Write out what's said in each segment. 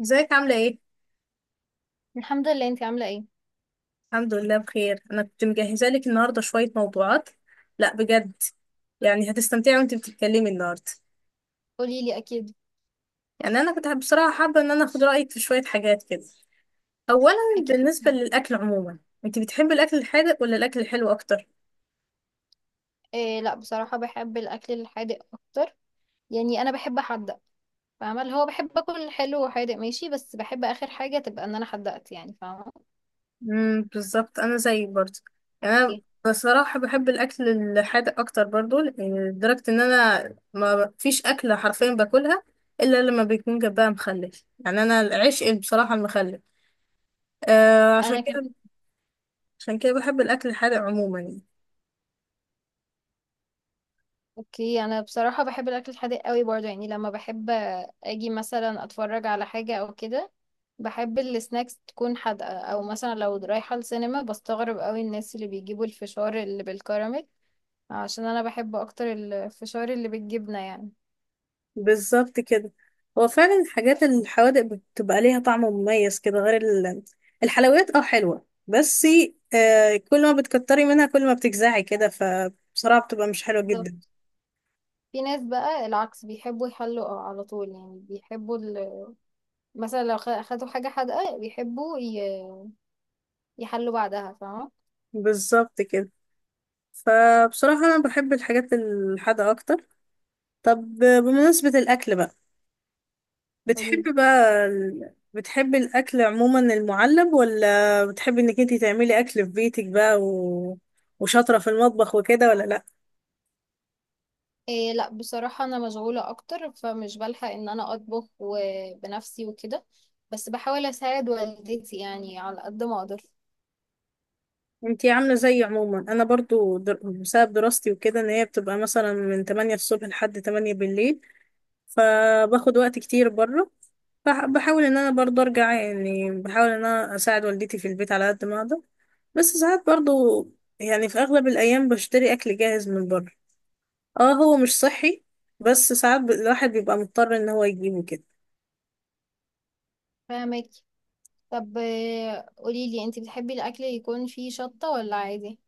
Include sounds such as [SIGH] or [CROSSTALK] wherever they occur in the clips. ازيك عاملة ايه؟ الحمد لله، انتي عاملة ايه؟ الحمد لله بخير، انا كنت مجهزة لك النهاردة شوية موضوعات. لا بجد يعني هتستمتعي وانت بتتكلمي النهاردة. قولي لي، اكيد. يعني انا كنت بصراحة حابة ان انا اخد رأيك في شوية حاجات كده. اولا اكيد. بالنسبة للاكل عموما، انت بتحبي الاكل الحادق ولا الاكل الحلو اكتر؟ إيه، لا بصراحة بحب الاكل الحادق اكتر. يعني انا بحب احدق. فاهمة؟ اللي هو بحب اكل حلو وحادق ماشي بس بحب اخر حاجة تبقى ان انا حدقت، يعني فاهمة؟ بالظبط انا زيك برضه. يعني انا، ايه، بصراحة بحب الاكل الحادق اكتر برضه، لدرجة ان انا ما فيش اكلة حرفيا باكلها الا لما بيكون جنبها مخلل. يعني انا العشق بصراحة المخلل. آه عشان انا كمان. كده، عشان كده بحب الأكل الحادق عموما يعني. اوكي، انا بصراحة بحب الاكل الحادق قوي برضه، يعني لما بحب اجي مثلا اتفرج على حاجة او كده، بحب السناكس تكون حادقة، او مثلا لو رايحة السينما بستغرب قوي الناس اللي بيجيبوا الفشار اللي بالكراميل. عشان انا بحب اكتر الفشار اللي بالجبنة يعني. بالظبط كده، هو فعلا الحاجات الحوادق بتبقى ليها طعم مميز كده غير الحلويات. اه حلوة بس آه، كل ما بتكتري منها كل ما بتجزعي كده، فبصراحة بتبقى مش حلوة جدا. بالظبط. في ناس بقى العكس بيحبوا يحلوا على طول، يعني بيحبوا مثلا لو خدوا حاجة حادقة بيحبوا يحلوا بعدها، فاهمة؟ بالظبط كده، فبصراحة أنا بحب الحاجات الحادقة أكتر. طب بمناسبة الأكل بقى، قوليلي. بتحبي بقى بتحبي الأكل عموما المعلب، ولا بتحبي إنك انتي تعملي أكل في بيتك بقى و وشاطرة في المطبخ وكده ولا لأ؟ إيه، لا بصراحة أنا مشغولة أكتر فمش بلحق إن أنا أطبخ بنفسي وكده، بس بحاول أساعد والدتي يعني على قد ما أقدر. انتي عاملة زي عموما أنا برضو بسبب دراستي وكده، إن هي بتبقى مثلا من 8 الصبح لحد 8 بالليل، فباخد وقت كتير بره. بحاول إن أنا برضو أرجع، يعني بحاول إن أنا أساعد والدتي في البيت على قد ما أقدر. بس ساعات برضو يعني في أغلب الأيام بشتري أكل جاهز من بره. اه هو مش صحي، بس ساعات الواحد بيبقى مضطر ان هو يجيبه كده. فاهمك. طب إيه، قوليلي أنتي بتحبي الأكل يكون فيه شطة ولا عادي؟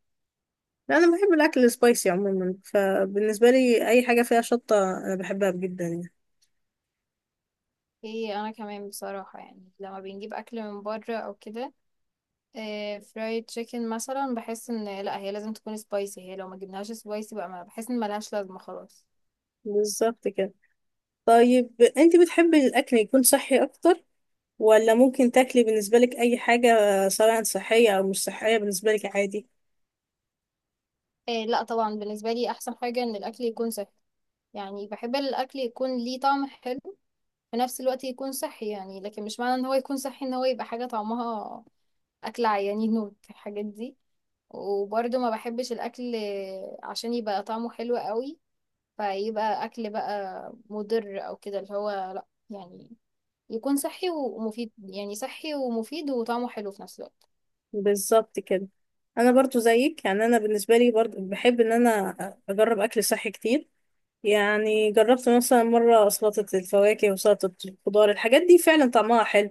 لا انا بحب الاكل السبايسي عموما، فبالنسبه لي اي حاجه فيها شطه انا بحبها جدا يعني. إيه، أنا كمان بصراحة يعني لما بنجيب أكل من بره أو كده، فرايد تشيكن مثلا بحس ان لا هي لازم تكون سبايسي، هي لو ما جبناهاش سبايسي بقى ما بحس ان ملهاش لازمه خلاص. بالظبط كده. طيب انت بتحبي الاكل يكون صحي اكتر، ولا ممكن تاكلي بالنسبه لك اي حاجه سواء صحيه او مش صحيه بالنسبه لك عادي؟ إيه، لا طبعا بالنسبه لي احسن حاجه ان الاكل يكون صحي. يعني بحب الاكل يكون ليه طعم حلو في نفس الوقت يكون صحي، يعني لكن مش معنى ان هو يكون صحي ان هو يبقى حاجه طعمها اكل عيانين [LAUGHS] نوت الحاجات دي. وبرضه ما بحبش الاكل عشان يبقى طعمه حلو قوي فيبقى اكل بقى مضر او كده، اللي هو لا، يعني يكون صحي ومفيد، يعني صحي ومفيد وطعمه حلو في نفس الوقت. بالظبط كده. انا برضو زيك، يعني انا بالنسبه لي برضو بحب ان انا اجرب اكل صحي كتير. يعني جربت مثلا مرة سلطة الفواكه وسلطة الخضار، الحاجات دي فعلا طعمها حلو.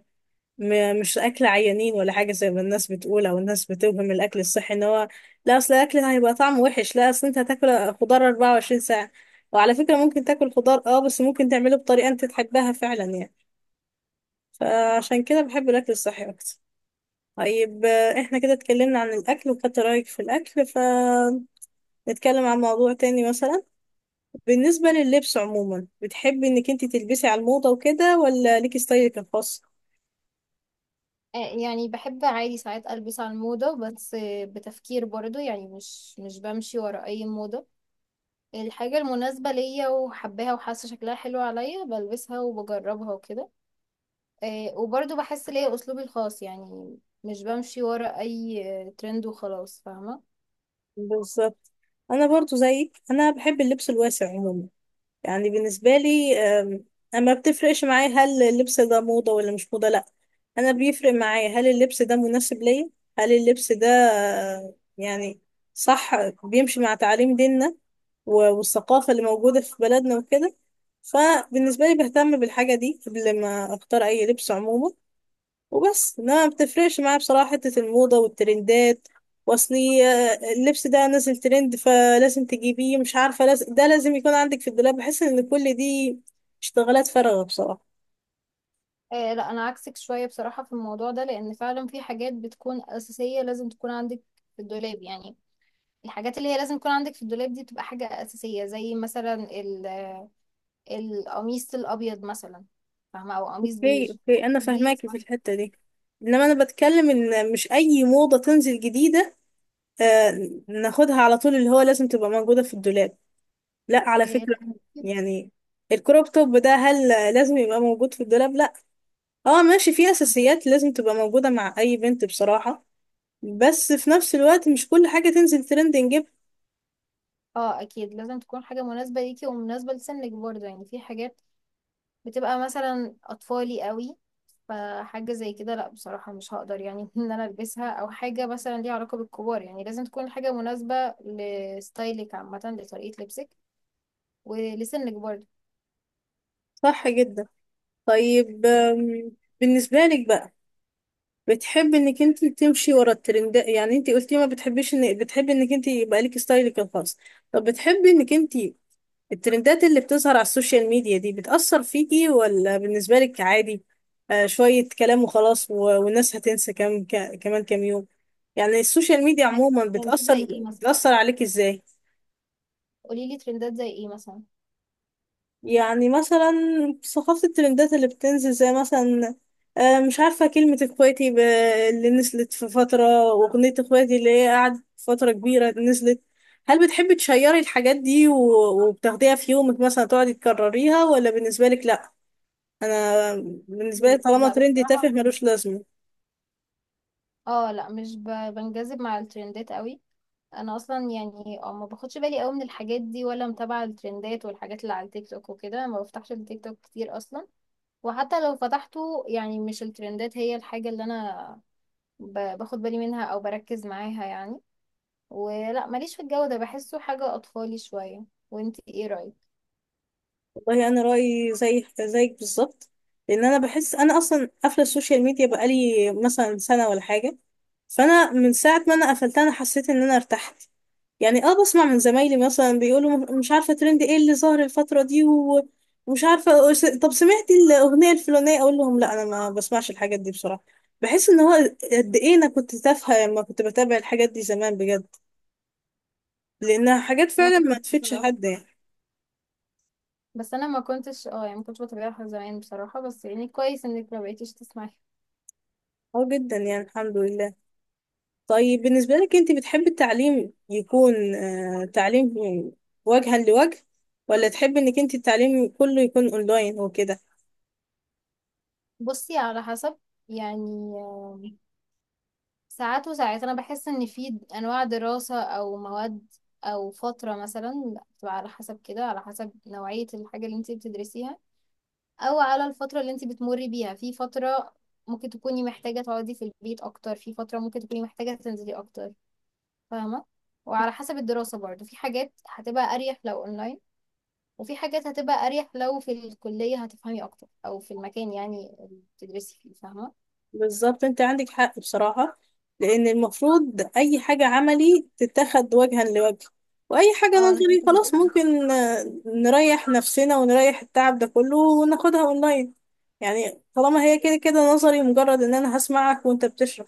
مش أكل عيانين ولا حاجة زي ما الناس بتقول أو الناس بتوهم الأكل الصحي إن هو لا، أصل الأكل هيبقى طعمه وحش. لا، أصل أنت هتاكل خضار 24 ساعة. وعلى فكرة ممكن تاكل خضار أه، بس ممكن تعمله بطريقة أنت تحبها فعلا يعني. فعشان كده بحب الأكل الصحي أكتر. طيب آه، إحنا كده اتكلمنا عن الأكل وخدت رأيك في الأكل، فنتكلم عن موضوع تاني مثلا. بالنسبة لللبس عموما، بتحبي انك انت تلبسي على الموضة وكده ولا ليكي ستايلك الخاص؟ يعني بحب عادي ساعات ألبس على الموضة، بس بتفكير برضو، يعني مش بمشي ورا أي موضة. الحاجة المناسبة ليا وحباها وحاسة شكلها حلو عليا بلبسها وبجربها وكده. وبرضو بحس ليا أسلوبي الخاص يعني، مش بمشي ورا أي ترند وخلاص، فاهمة؟ بالظبط. انا برضو زيك، انا بحب اللبس الواسع عموما. يعني بالنسبة لي اما بتفرقش معايا هل اللبس ده موضة ولا مش موضة، لا انا بيفرق معايا هل اللبس ده مناسب ليا، هل اللبس ده آه، يعني صح، بيمشي مع تعاليم ديننا والثقافة اللي موجودة في بلدنا وكده. فبالنسبة لي بهتم بالحاجة دي قبل ما اختار اي لبس عموما. وبس لا، ما بتفرقش معايا بصراحة حتة الموضة والترندات واصلي اللبس ده نازل ترند فلازم تجيبيه، مش عارفة لازم ده لازم يكون عندك في الدولاب، بحس ان كل دي اشتغالات فارغة بصراحة. آه، لا أنا عكسك شوية بصراحة في الموضوع ده، لأن فعلا في حاجات بتكون أساسية لازم تكون عندك في الدولاب يعني. الحاجات اللي هي لازم يكون عندك في الدولاب دي بتبقى حاجة أساسية، زي مثلا القميص الأبيض مثلا. فاهمة؟ أو قميص اوكي بيج. اوكي، انا دي. فاهماكي في الحتة دي. انما انا بتكلم ان مش اي موضة تنزل جديدة آه ناخدها على طول اللي هو لازم تبقى موجودة في الدولاب، لا على إيه، فكرة. أكيد. يعني الكروب توب ده هل لازم يبقى موجود في الدولاب؟ لا. اه ماشي، في اساسيات لازم تبقى موجودة مع اي بنت بصراحة، بس في نفس الوقت مش كل حاجة تنزل ترند نجيبها. اه أكيد، لازم تكون حاجة مناسبة ليكي ومناسبة لسنك برضه، يعني في حاجات بتبقى مثلا أطفالي قوي، فحاجة زي كده لأ بصراحة مش هقدر يعني [LAUGHS] إن أنا ألبسها، أو حاجة مثلا ليها علاقة بالكبار، يعني لازم تكون حاجة مناسبة لستايلك عامة، لطريقة لبسك ولسنك برضه صح جدا. طيب آم، بالنسبة لك بقى، بتحب انك انت تمشي ورا الترندات؟ يعني انت قلتي ما بتحبيش ان بتحبي انك انت يبقى لك ستايلك الخاص. طب بتحبي انك انت الترندات اللي بتظهر على السوشيال ميديا دي بتأثر فيكي ولا بالنسبة لك عادي؟ آه شوية كلام وخلاص، والناس هتنسى كمان كام يوم. يعني السوشيال ميديا يعني. عموما ترندات زي ايه مثلا؟ بتأثر عليك ازاي؟ قولي لي، ترندات زي ايه مثلا؟ يعني مثلا ثقافة الترندات اللي بتنزل زي مثلا آه، مش عارفة كلمة اخواتي اللي نزلت في فترة، وأغنية اخواتي اللي هي قعدت فترة كبيرة نزلت. هل بتحبي تشيري الحاجات دي وبتاخديها في يومك مثلا تقعدي تكرريها، ولا بالنسبة لك لأ؟ انا بالنسبه لي طالما لا ترندي تافه بصراحة، ملوش لازمه. اه لا مش بنجذب مع الترندات قوي. انا اصلا يعني ما باخدش بالي قوي من الحاجات دي، ولا متابعة الترندات والحاجات اللي على التيك توك وكده، ما بفتحش التيك توك كتير اصلا. وحتى لو فتحته، يعني مش الترندات هي الحاجة اللي انا باخد بالي منها او بركز معاها يعني. ولا ماليش في الجو ده، بحسه حاجة اطفالي شوية. وانتي ايه رأيك؟ والله انا رايي زي زيك بالظبط، لان انا بحس انا اصلا قافله السوشيال ميديا بقالي مثلا سنه ولا حاجه. فانا من ساعه ما انا قفلتها انا حسيت ان انا ارتحت. يعني اه بسمع من زمايلي مثلا بيقولوا مش عارفه ترند ايه اللي ظاهر الفتره دي ومش عارفه طب سمعتي الاغنيه الفلانيه، اقول لهم لا انا ما بسمعش الحاجات دي بصراحه. بحس ان هو قد ايه انا كنت تافهه لما كنت بتابع الحاجات دي زمان بجد، لانها حاجات انا فعلا ما كمان تفيدش بصراحة. حد يعني. بس انا ما كنتش يعني ما كنتش بتابعها زمان بصراحة، بس يعني كويس انك ما بقيتيش تسمعي. اه جدا يعني الحمد لله. طيب بالنسبة لك انت بتحبي التعليم يكون آه تعليم وجها لوجه، ولا تحبي انك انت التعليم كله يكون اونلاين وكده؟ بصي، على حسب. يعني ساعات وساعات انا بحس ان في انواع دراسة او مواد او فترة مثلا بتبقى على حسب كده، على حسب نوعية الحاجة اللي انت بتدرسيها، او على الفترة اللي انت بتمري بيها. في فترة ممكن تكوني محتاجة تقعدي في البيت اكتر، في فترة ممكن تكوني محتاجة تنزلي اكتر، فاهمة؟ وعلى حسب الدراسة برضه، في حاجات هتبقى اريح لو اونلاين، وفي حاجات هتبقى اريح لو في الكلية، هتفهمي اكتر او في المكان يعني اللي بتدرسي فيه، فاهمة؟ بالظبط انت عندك حق بصراحة، لان المفروض اي حاجة عملي تتاخد وجها لوجه، واي حاجة اه انا نظري شايفة كده، خلاص فاهمة. ممكن آه نريح نفسنا ونريح التعب ده كله وناخدها اونلاين. يعني طالما هي كده كده نظري، مجرد ان انا هسمعك وانت بتشرح.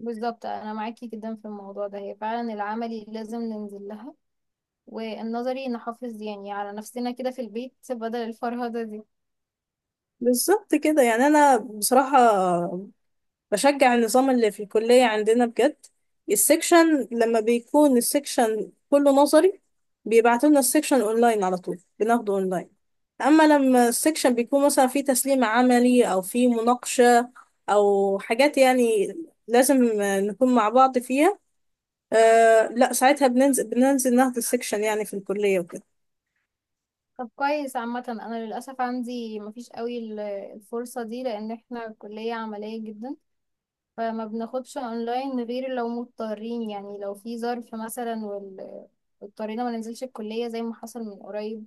بالظبط، انا معاكي جدا في الموضوع ده، هي فعلا العملي لازم ننزل لها، والنظري نحافظ يعني على نفسنا كده في البيت بدل الفرهدة دي. بالظبط كده. يعني انا بصراحة بشجع النظام اللي في الكلية عندنا بجد. السكشن لما بيكون السكشن كله نظري بيبعتوا لنا السكشن اونلاين، على طول بناخده اونلاين. اما لما السكشن بيكون مثلا فيه تسليم عملي او فيه مناقشة او حاجات يعني لازم آه، نكون مع بعض فيها، أه لا ساعتها بننزل ناخد السكشن يعني في الكلية وكده. طب كويس عامة، انا للأسف عندي مفيش قوي الفرصة دي، لان احنا كلية عملية جدا، فما بناخدش اونلاين غير لو مضطرين، يعني لو في ظرف مثلا اضطرينا ما ننزلش الكلية زي ما حصل من قريب.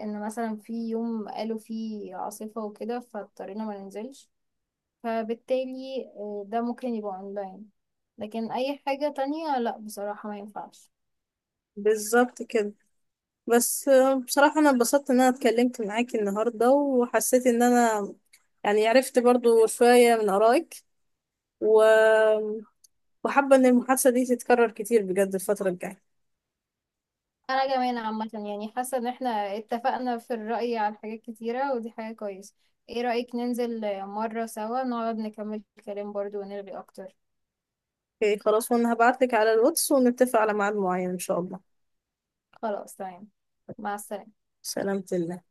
ان مثلا في يوم قالوا فيه عاصفة وكده فاضطرينا ما ننزلش، فبالتالي ده ممكن يبقى اونلاين. لكن اي حاجة تانية لا بصراحة ما ينفعش. بالظبط كده. بس آه، بصراحة أنا اتبسطت إن أنا اتكلمت معاكي النهاردة، وحسيت إن أنا يعني عرفت برضو شوية من آرائك و... وحابة إن المحادثة دي تتكرر كتير بجد الفترة الجاية. انا كمان عامة، يعني حاسة ان احنا اتفقنا في الرأي على حاجات كتيرة، ودي حاجة كويسة. ايه رأيك ننزل مرة سوا نقعد نكمل الكلام برضو ونرغي اكتر؟ اوكي خلاص، وأنا هبعتلك على الواتس ونتفق على ميعاد معين إن شاء الله. خلاص تمام. مع السلامة. سلامة الله.